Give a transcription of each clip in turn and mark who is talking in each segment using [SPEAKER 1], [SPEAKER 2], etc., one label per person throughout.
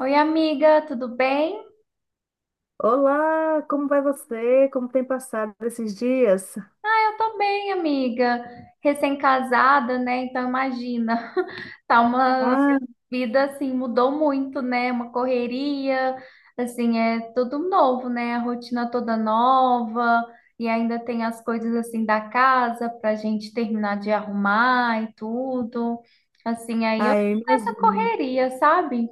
[SPEAKER 1] Oi, amiga, tudo bem?
[SPEAKER 2] Olá, como vai você? Como tem passado esses dias?
[SPEAKER 1] Ah, eu tô bem, amiga. Recém-casada, né? Então imagina, tá uma
[SPEAKER 2] Ah,
[SPEAKER 1] vida assim, mudou muito, né? Uma correria, assim, é tudo novo, né? A rotina toda nova e ainda tem as coisas assim da casa pra gente terminar de arrumar e tudo. Assim, aí eu tô
[SPEAKER 2] eu
[SPEAKER 1] nessa
[SPEAKER 2] imagino.
[SPEAKER 1] correria, sabe?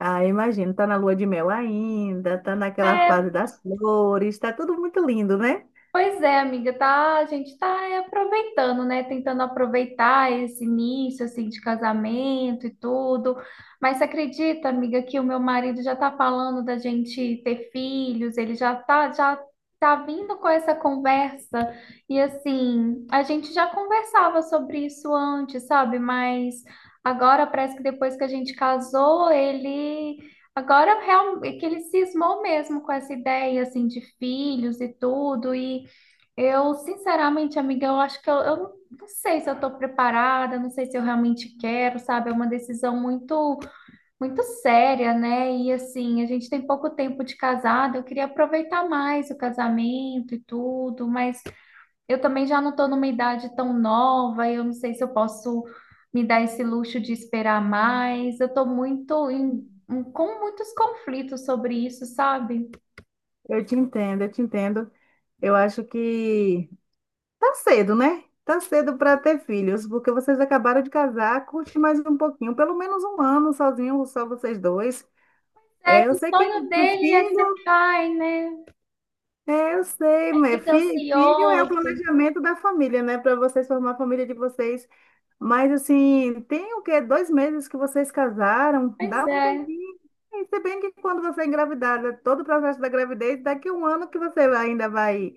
[SPEAKER 2] Ah, eu imagino. Tá na lua de mel ainda, tá naquela
[SPEAKER 1] É,
[SPEAKER 2] fase das flores, tá tudo muito lindo, né?
[SPEAKER 1] pois é, amiga, tá, a gente tá é, aproveitando, né? Tentando aproveitar esse início, assim, de casamento e tudo. Mas você acredita, amiga, que o meu marido já tá falando da gente ter filhos, ele já tá vindo com essa conversa. E assim, a gente já conversava sobre isso antes, sabe? Mas agora parece que depois que a gente casou, ele é que ele cismou mesmo com essa ideia assim de filhos e tudo e eu, sinceramente, amiga, eu acho que eu não sei se eu estou preparada, não sei se eu realmente quero, sabe? É uma decisão muito, muito séria, né? E assim, a gente tem pouco tempo de casado, eu queria aproveitar mais o casamento e tudo, mas eu também já não estou numa idade tão nova, eu não sei se eu posso me dar esse luxo de esperar mais. Eu estou muito com muitos conflitos sobre isso, sabe?
[SPEAKER 2] Eu te entendo, eu te entendo. Eu acho que tá cedo, né? Tá cedo para ter filhos, porque vocês acabaram de casar, curte mais um pouquinho, pelo menos um ano sozinho, só vocês dois.
[SPEAKER 1] É
[SPEAKER 2] É,
[SPEAKER 1] que
[SPEAKER 2] eu
[SPEAKER 1] o
[SPEAKER 2] sei
[SPEAKER 1] sonho
[SPEAKER 2] que
[SPEAKER 1] dele é ser
[SPEAKER 2] filho
[SPEAKER 1] pai, né?
[SPEAKER 2] É, eu sei, mas
[SPEAKER 1] Fica
[SPEAKER 2] filho é o
[SPEAKER 1] ansioso.
[SPEAKER 2] planejamento da família, né? Para vocês formar a família de vocês. Mas assim, tem o quê? Dois meses que vocês casaram?
[SPEAKER 1] Pois
[SPEAKER 2] Dá um
[SPEAKER 1] é.
[SPEAKER 2] tempinho. E se bem que quando você é engravidada, todo o processo da gravidez, daqui a um ano que você ainda vai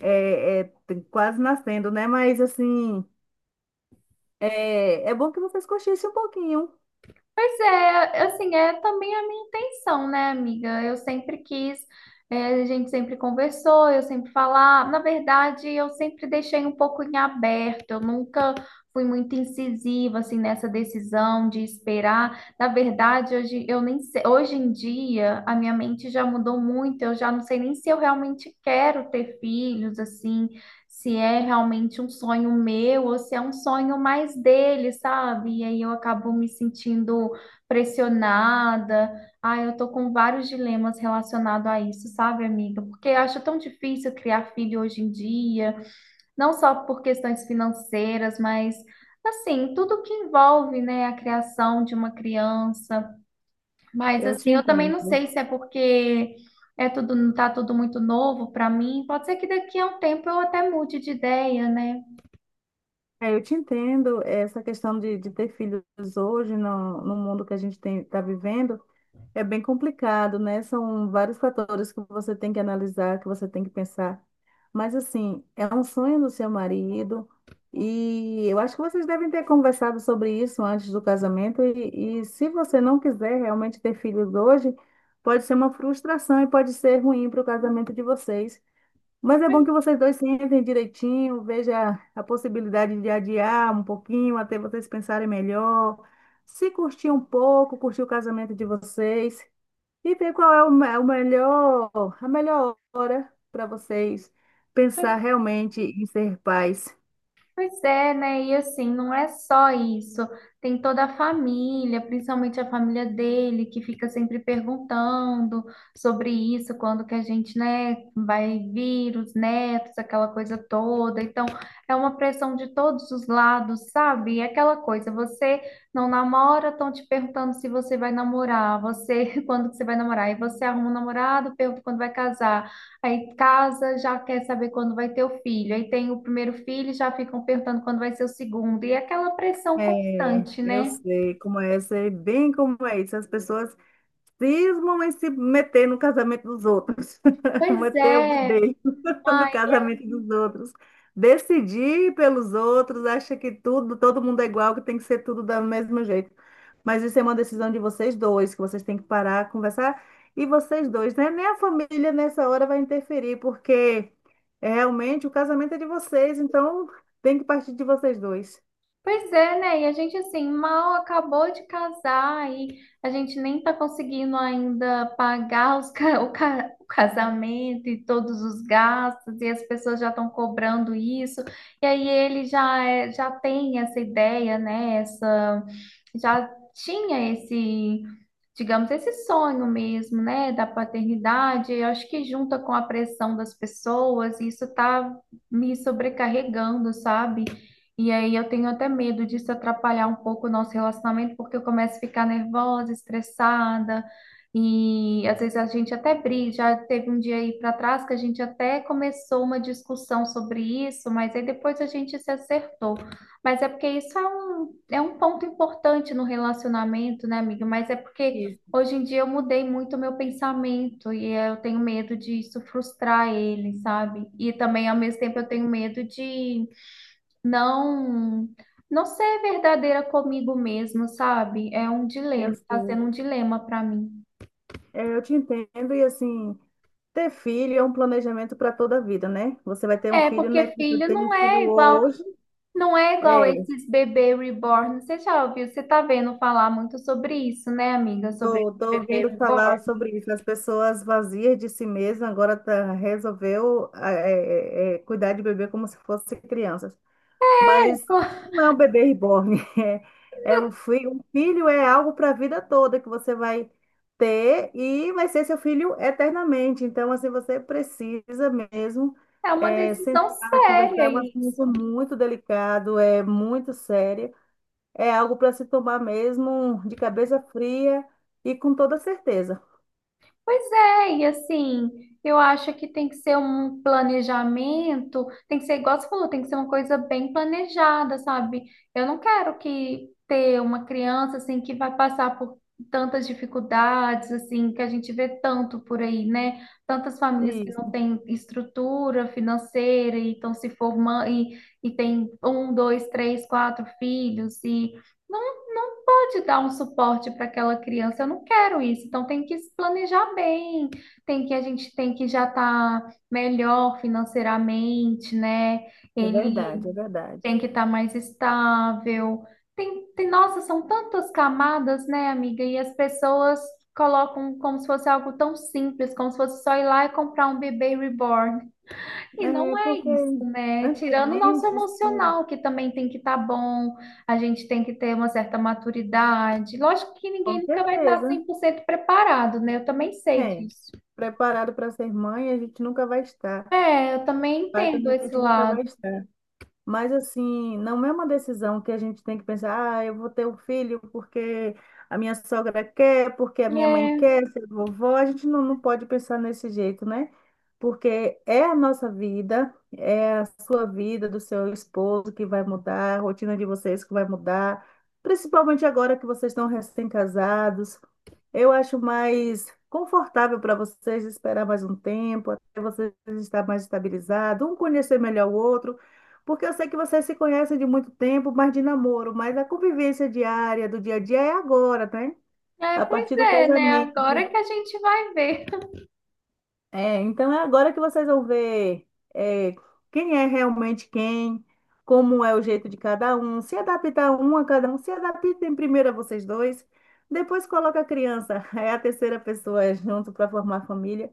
[SPEAKER 2] quase nascendo, né? Mas assim, é, é bom que vocês cochichem um pouquinho.
[SPEAKER 1] Pois é, assim, é também a minha intenção, né, amiga? Eu sempre quis, é, a gente sempre conversou, eu sempre falar. Na verdade, eu sempre deixei um pouco em aberto, eu nunca fui muito incisiva, assim, nessa decisão de esperar. Na verdade, hoje, eu nem sei- hoje em dia, a minha mente já mudou muito, eu já não sei nem se eu realmente quero ter filhos, assim, se é realmente um sonho meu ou se é um sonho mais dele, sabe? E aí eu acabo me sentindo pressionada. Ah, eu tô com vários dilemas relacionados a isso, sabe, amiga? Porque eu acho tão difícil criar filho hoje em dia, não só por questões financeiras, mas assim, tudo que envolve, né, a criação de uma criança. Mas
[SPEAKER 2] Eu
[SPEAKER 1] assim,
[SPEAKER 2] te
[SPEAKER 1] eu também não sei
[SPEAKER 2] entendo.
[SPEAKER 1] se é porque é tudo, não tá tudo muito novo para mim. Pode ser que daqui a um tempo eu até mude de ideia, né?
[SPEAKER 2] É, eu te entendo essa questão de ter filhos hoje no mundo que a gente tem, está vivendo. É bem complicado, né? São vários fatores que você tem que analisar, que você tem que pensar. Mas, assim, é um sonho do seu marido e eu acho que vocês devem ter conversado sobre isso antes do casamento. E se você não quiser realmente ter filhos hoje, pode ser uma frustração e pode ser ruim para o casamento de vocês. Mas é bom que vocês dois se entendem direitinho, veja a possibilidade de adiar um pouquinho até vocês pensarem melhor, se curtir um pouco, curtir o casamento de vocês. E ver qual é o melhor, a melhor hora para vocês pensar realmente em ser pais.
[SPEAKER 1] Pois é, né? E assim, não é só isso. Tem toda a família, principalmente a família dele, que fica sempre perguntando sobre isso, quando que a gente, né, vai vir, os netos, aquela coisa toda. Então, é uma pressão de todos os lados, sabe? E aquela coisa, você não namora, estão te perguntando se você vai namorar, você, quando que você vai namorar, e você arruma um namorado, pergunta quando vai casar. Aí casa, já quer saber quando vai ter o filho. Aí tem o primeiro filho, já ficam perguntando quando vai ser o segundo. E é aquela pressão
[SPEAKER 2] É,
[SPEAKER 1] constante,
[SPEAKER 2] eu
[SPEAKER 1] né?
[SPEAKER 2] sei como é, sei bem como é isso. As pessoas cismam em se meter no casamento dos outros,
[SPEAKER 1] Pois
[SPEAKER 2] meter o
[SPEAKER 1] é,
[SPEAKER 2] bedelho
[SPEAKER 1] uma
[SPEAKER 2] no casamento dos outros, decidir pelos outros, acha que tudo, todo mundo é igual, que tem que ser tudo do mesmo jeito. Mas isso é uma decisão de vocês dois, que vocês têm que parar, conversar, e vocês dois, né? Nem a família nessa hora vai interferir, porque é realmente o casamento é de vocês, então tem que partir de vocês dois.
[SPEAKER 1] pois é, né? E a gente, assim, mal acabou de casar e a gente nem tá conseguindo ainda pagar os ca- o, ca- o casamento e todos os gastos, e as pessoas já estão cobrando isso. E aí ele já, já tem essa ideia, né? Essa, já tinha esse, digamos, esse sonho mesmo, né? Da paternidade. Eu acho que junta com a pressão das pessoas, isso tá me sobrecarregando, sabe? E aí eu tenho até medo disso atrapalhar um pouco o nosso relacionamento, porque eu começo a ficar nervosa, estressada, e às vezes a gente até briga. Já teve um dia aí para trás que a gente até começou uma discussão sobre isso, mas aí depois a gente se acertou. Mas é porque é um ponto importante no relacionamento, né, amiga? Mas é porque
[SPEAKER 2] Isso.
[SPEAKER 1] hoje em dia eu mudei muito o meu pensamento e eu tenho medo disso frustrar ele, sabe? E também, ao mesmo tempo, eu tenho medo de não não ser verdadeira comigo mesma, sabe? É um
[SPEAKER 2] Eu
[SPEAKER 1] dilema, tá sendo um dilema pra mim.
[SPEAKER 2] É, eu te entendo, e assim, ter filho é um planejamento para toda a vida, né? Você vai ter um
[SPEAKER 1] É,
[SPEAKER 2] filho, né?
[SPEAKER 1] porque
[SPEAKER 2] Que você
[SPEAKER 1] filho
[SPEAKER 2] tem um
[SPEAKER 1] não é
[SPEAKER 2] filho
[SPEAKER 1] igual,
[SPEAKER 2] hoje.
[SPEAKER 1] não é igual
[SPEAKER 2] É,
[SPEAKER 1] esses bebê reborn. Você já ouviu? Você tá vendo falar muito sobre isso, né, amiga? Sobre
[SPEAKER 2] tô, tô
[SPEAKER 1] bebê
[SPEAKER 2] ouvindo
[SPEAKER 1] reborn.
[SPEAKER 2] falar sobre isso. As pessoas vazias de si mesmas agora tá, resolveu ah, cuidar de bebê como se fosse crianças. Mas não é um bebê reborn. É, é um filho. Um filho é algo para a vida toda que você vai ter e vai ser seu filho eternamente. Então, assim, você precisa mesmo
[SPEAKER 1] É uma decisão
[SPEAKER 2] sentar, conversar. É
[SPEAKER 1] séria
[SPEAKER 2] um assunto
[SPEAKER 1] isso.
[SPEAKER 2] muito delicado, é muito sério. É algo para se tomar mesmo de cabeça fria e com toda certeza.
[SPEAKER 1] Pois é, e assim, eu acho que tem que ser um planejamento, tem que ser igual você falou, tem que ser uma coisa bem planejada, sabe? Eu não quero que ter uma criança assim que vai passar por tantas dificuldades, assim, que a gente vê tanto por aí, né? Tantas famílias que não
[SPEAKER 2] Isso,
[SPEAKER 1] têm estrutura financeira e estão se formando e tem um, dois, três, quatro filhos e não de dar um suporte para aquela criança, eu não quero isso. Então tem que se planejar bem, tem que a gente tem que já estar melhor financeiramente, né?
[SPEAKER 2] é
[SPEAKER 1] Ele
[SPEAKER 2] verdade, é verdade.
[SPEAKER 1] tem que estar mais estável. Nossa, são tantas camadas, né, amiga? E as pessoas colocam como se fosse algo tão simples, como se fosse só ir lá e comprar um bebê reborn. E
[SPEAKER 2] É
[SPEAKER 1] não é
[SPEAKER 2] porque
[SPEAKER 1] isso, né? Tirando o nosso
[SPEAKER 2] antigamente, assim,
[SPEAKER 1] emocional, que também tem que estar bom, a gente tem que ter uma certa maturidade. Lógico que
[SPEAKER 2] com
[SPEAKER 1] ninguém nunca vai estar
[SPEAKER 2] certeza.
[SPEAKER 1] 100% preparado, né? Eu também sei
[SPEAKER 2] É,
[SPEAKER 1] disso.
[SPEAKER 2] preparado para ser mãe, a gente nunca vai estar.
[SPEAKER 1] É, eu também
[SPEAKER 2] Pai
[SPEAKER 1] entendo
[SPEAKER 2] também a
[SPEAKER 1] esse
[SPEAKER 2] gente nunca vai
[SPEAKER 1] lado.
[SPEAKER 2] estar. Mas assim, não é uma decisão que a gente tem que pensar, ah, eu vou ter um filho porque a minha sogra quer, porque a minha mãe
[SPEAKER 1] É,
[SPEAKER 2] quer, ser vovó. A gente não, não pode pensar nesse jeito, né? Porque é a nossa vida, é a sua vida, do seu esposo que vai mudar, a rotina de vocês que vai mudar, principalmente agora que vocês estão recém-casados. Eu acho mais confortável para vocês esperar mais um tempo, até vocês estar mais estabilizados, um conhecer melhor o outro, porque eu sei que vocês se conhecem de muito tempo, mas de namoro, mas a convivência diária, do dia a dia é agora, né? A
[SPEAKER 1] pois
[SPEAKER 2] partir do
[SPEAKER 1] é, né?
[SPEAKER 2] casamento.
[SPEAKER 1] Agora que a gente vai ver.
[SPEAKER 2] É, então é agora que vocês vão ver é, quem é realmente quem, como é o jeito de cada um, se adaptar um a cada um, se adaptem primeiro a vocês dois, depois coloca a criança, é a terceira pessoa junto para formar família,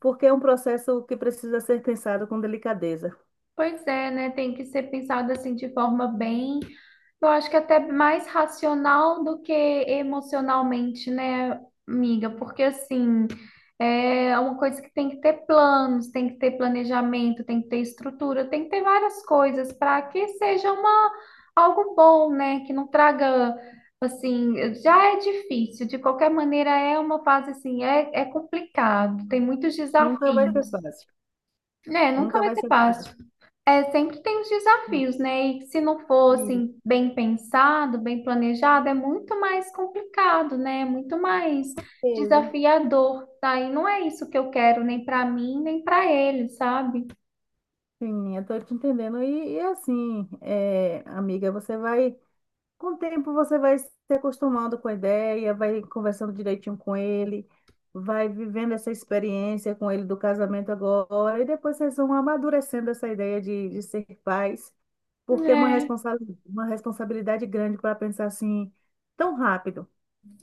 [SPEAKER 2] porque é um processo que precisa ser pensado com delicadeza.
[SPEAKER 1] Pois é, né? Tem que ser pensado assim de forma bem, eu acho que é até mais racional do que emocionalmente, né, amiga? Porque assim, é uma coisa que tem que ter planos, tem que ter planejamento, tem que ter estrutura, tem que ter várias coisas para que seja uma algo bom, né? Que não traga assim, já é difícil, de qualquer maneira é uma fase assim, é complicado, tem muitos
[SPEAKER 2] Nunca vai ser
[SPEAKER 1] desafios.
[SPEAKER 2] fácil,
[SPEAKER 1] Né? Nunca
[SPEAKER 2] nunca
[SPEAKER 1] vai
[SPEAKER 2] vai
[SPEAKER 1] ser
[SPEAKER 2] ser
[SPEAKER 1] fácil.
[SPEAKER 2] fácil.
[SPEAKER 1] É, sempre tem os desafios, né? E se não
[SPEAKER 2] Isso,
[SPEAKER 1] fossem bem pensado, bem planejado, é muito mais complicado, né? É muito mais
[SPEAKER 2] beleza.
[SPEAKER 1] desafiador, tá? E não é isso que eu quero, nem para mim, nem para ele, sabe?
[SPEAKER 2] Sim, eu tô te entendendo. E assim, é, amiga, você vai. Com o tempo você vai se acostumando com a ideia, vai conversando direitinho com ele, vai vivendo essa experiência com ele do casamento agora, e depois vocês vão amadurecendo essa ideia de ser pais, porque é uma
[SPEAKER 1] É.
[SPEAKER 2] uma responsabilidade grande para pensar assim tão rápido.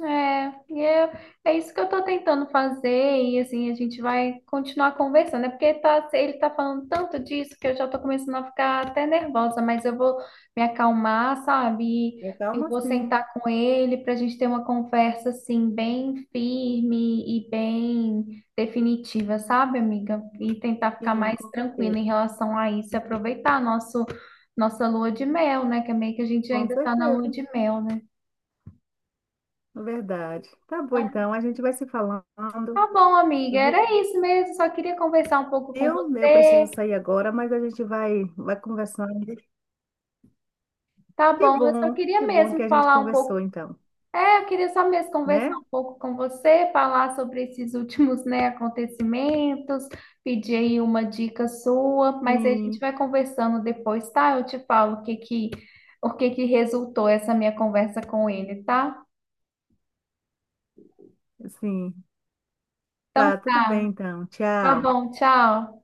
[SPEAKER 1] É, e é, é isso que eu tô tentando fazer, e assim, a gente vai continuar conversando, é porque tá, ele tá falando tanto disso que eu já tô começando a ficar até nervosa, mas eu vou me acalmar, sabe? E
[SPEAKER 2] É.
[SPEAKER 1] eu
[SPEAKER 2] Calma,
[SPEAKER 1] vou
[SPEAKER 2] sim,
[SPEAKER 1] sentar com ele pra gente ter uma conversa, assim, bem firme e bem definitiva, sabe, amiga? E tentar ficar
[SPEAKER 2] sim,
[SPEAKER 1] mais tranquila em relação a isso, e aproveitar nossa lua de mel, né? Que é meio que a gente
[SPEAKER 2] com
[SPEAKER 1] ainda tá na lua
[SPEAKER 2] certeza,
[SPEAKER 1] de mel, né?
[SPEAKER 2] é verdade. Tá bom, então, a gente vai se falando,
[SPEAKER 1] Tá bom, amiga,
[SPEAKER 2] viu?
[SPEAKER 1] era isso mesmo. Só queria conversar um pouco com
[SPEAKER 2] Eu preciso
[SPEAKER 1] você.
[SPEAKER 2] sair agora, mas a gente vai, vai conversando.
[SPEAKER 1] Tá
[SPEAKER 2] Que
[SPEAKER 1] bom, eu só
[SPEAKER 2] bom,
[SPEAKER 1] queria
[SPEAKER 2] que bom que
[SPEAKER 1] mesmo
[SPEAKER 2] a gente
[SPEAKER 1] falar um
[SPEAKER 2] conversou
[SPEAKER 1] pouco.
[SPEAKER 2] então,
[SPEAKER 1] É, eu queria só mesmo conversar
[SPEAKER 2] né?
[SPEAKER 1] um pouco com você, falar sobre esses últimos, né, acontecimentos, pedir aí uma dica sua, mas aí a gente
[SPEAKER 2] Sim,
[SPEAKER 1] vai conversando depois, tá? Eu te falo o que que resultou essa minha conversa com ele, tá?
[SPEAKER 2] sim.
[SPEAKER 1] Então
[SPEAKER 2] Tá, tudo bem
[SPEAKER 1] tá,
[SPEAKER 2] então.
[SPEAKER 1] tá
[SPEAKER 2] Tchau.
[SPEAKER 1] bom, tchau.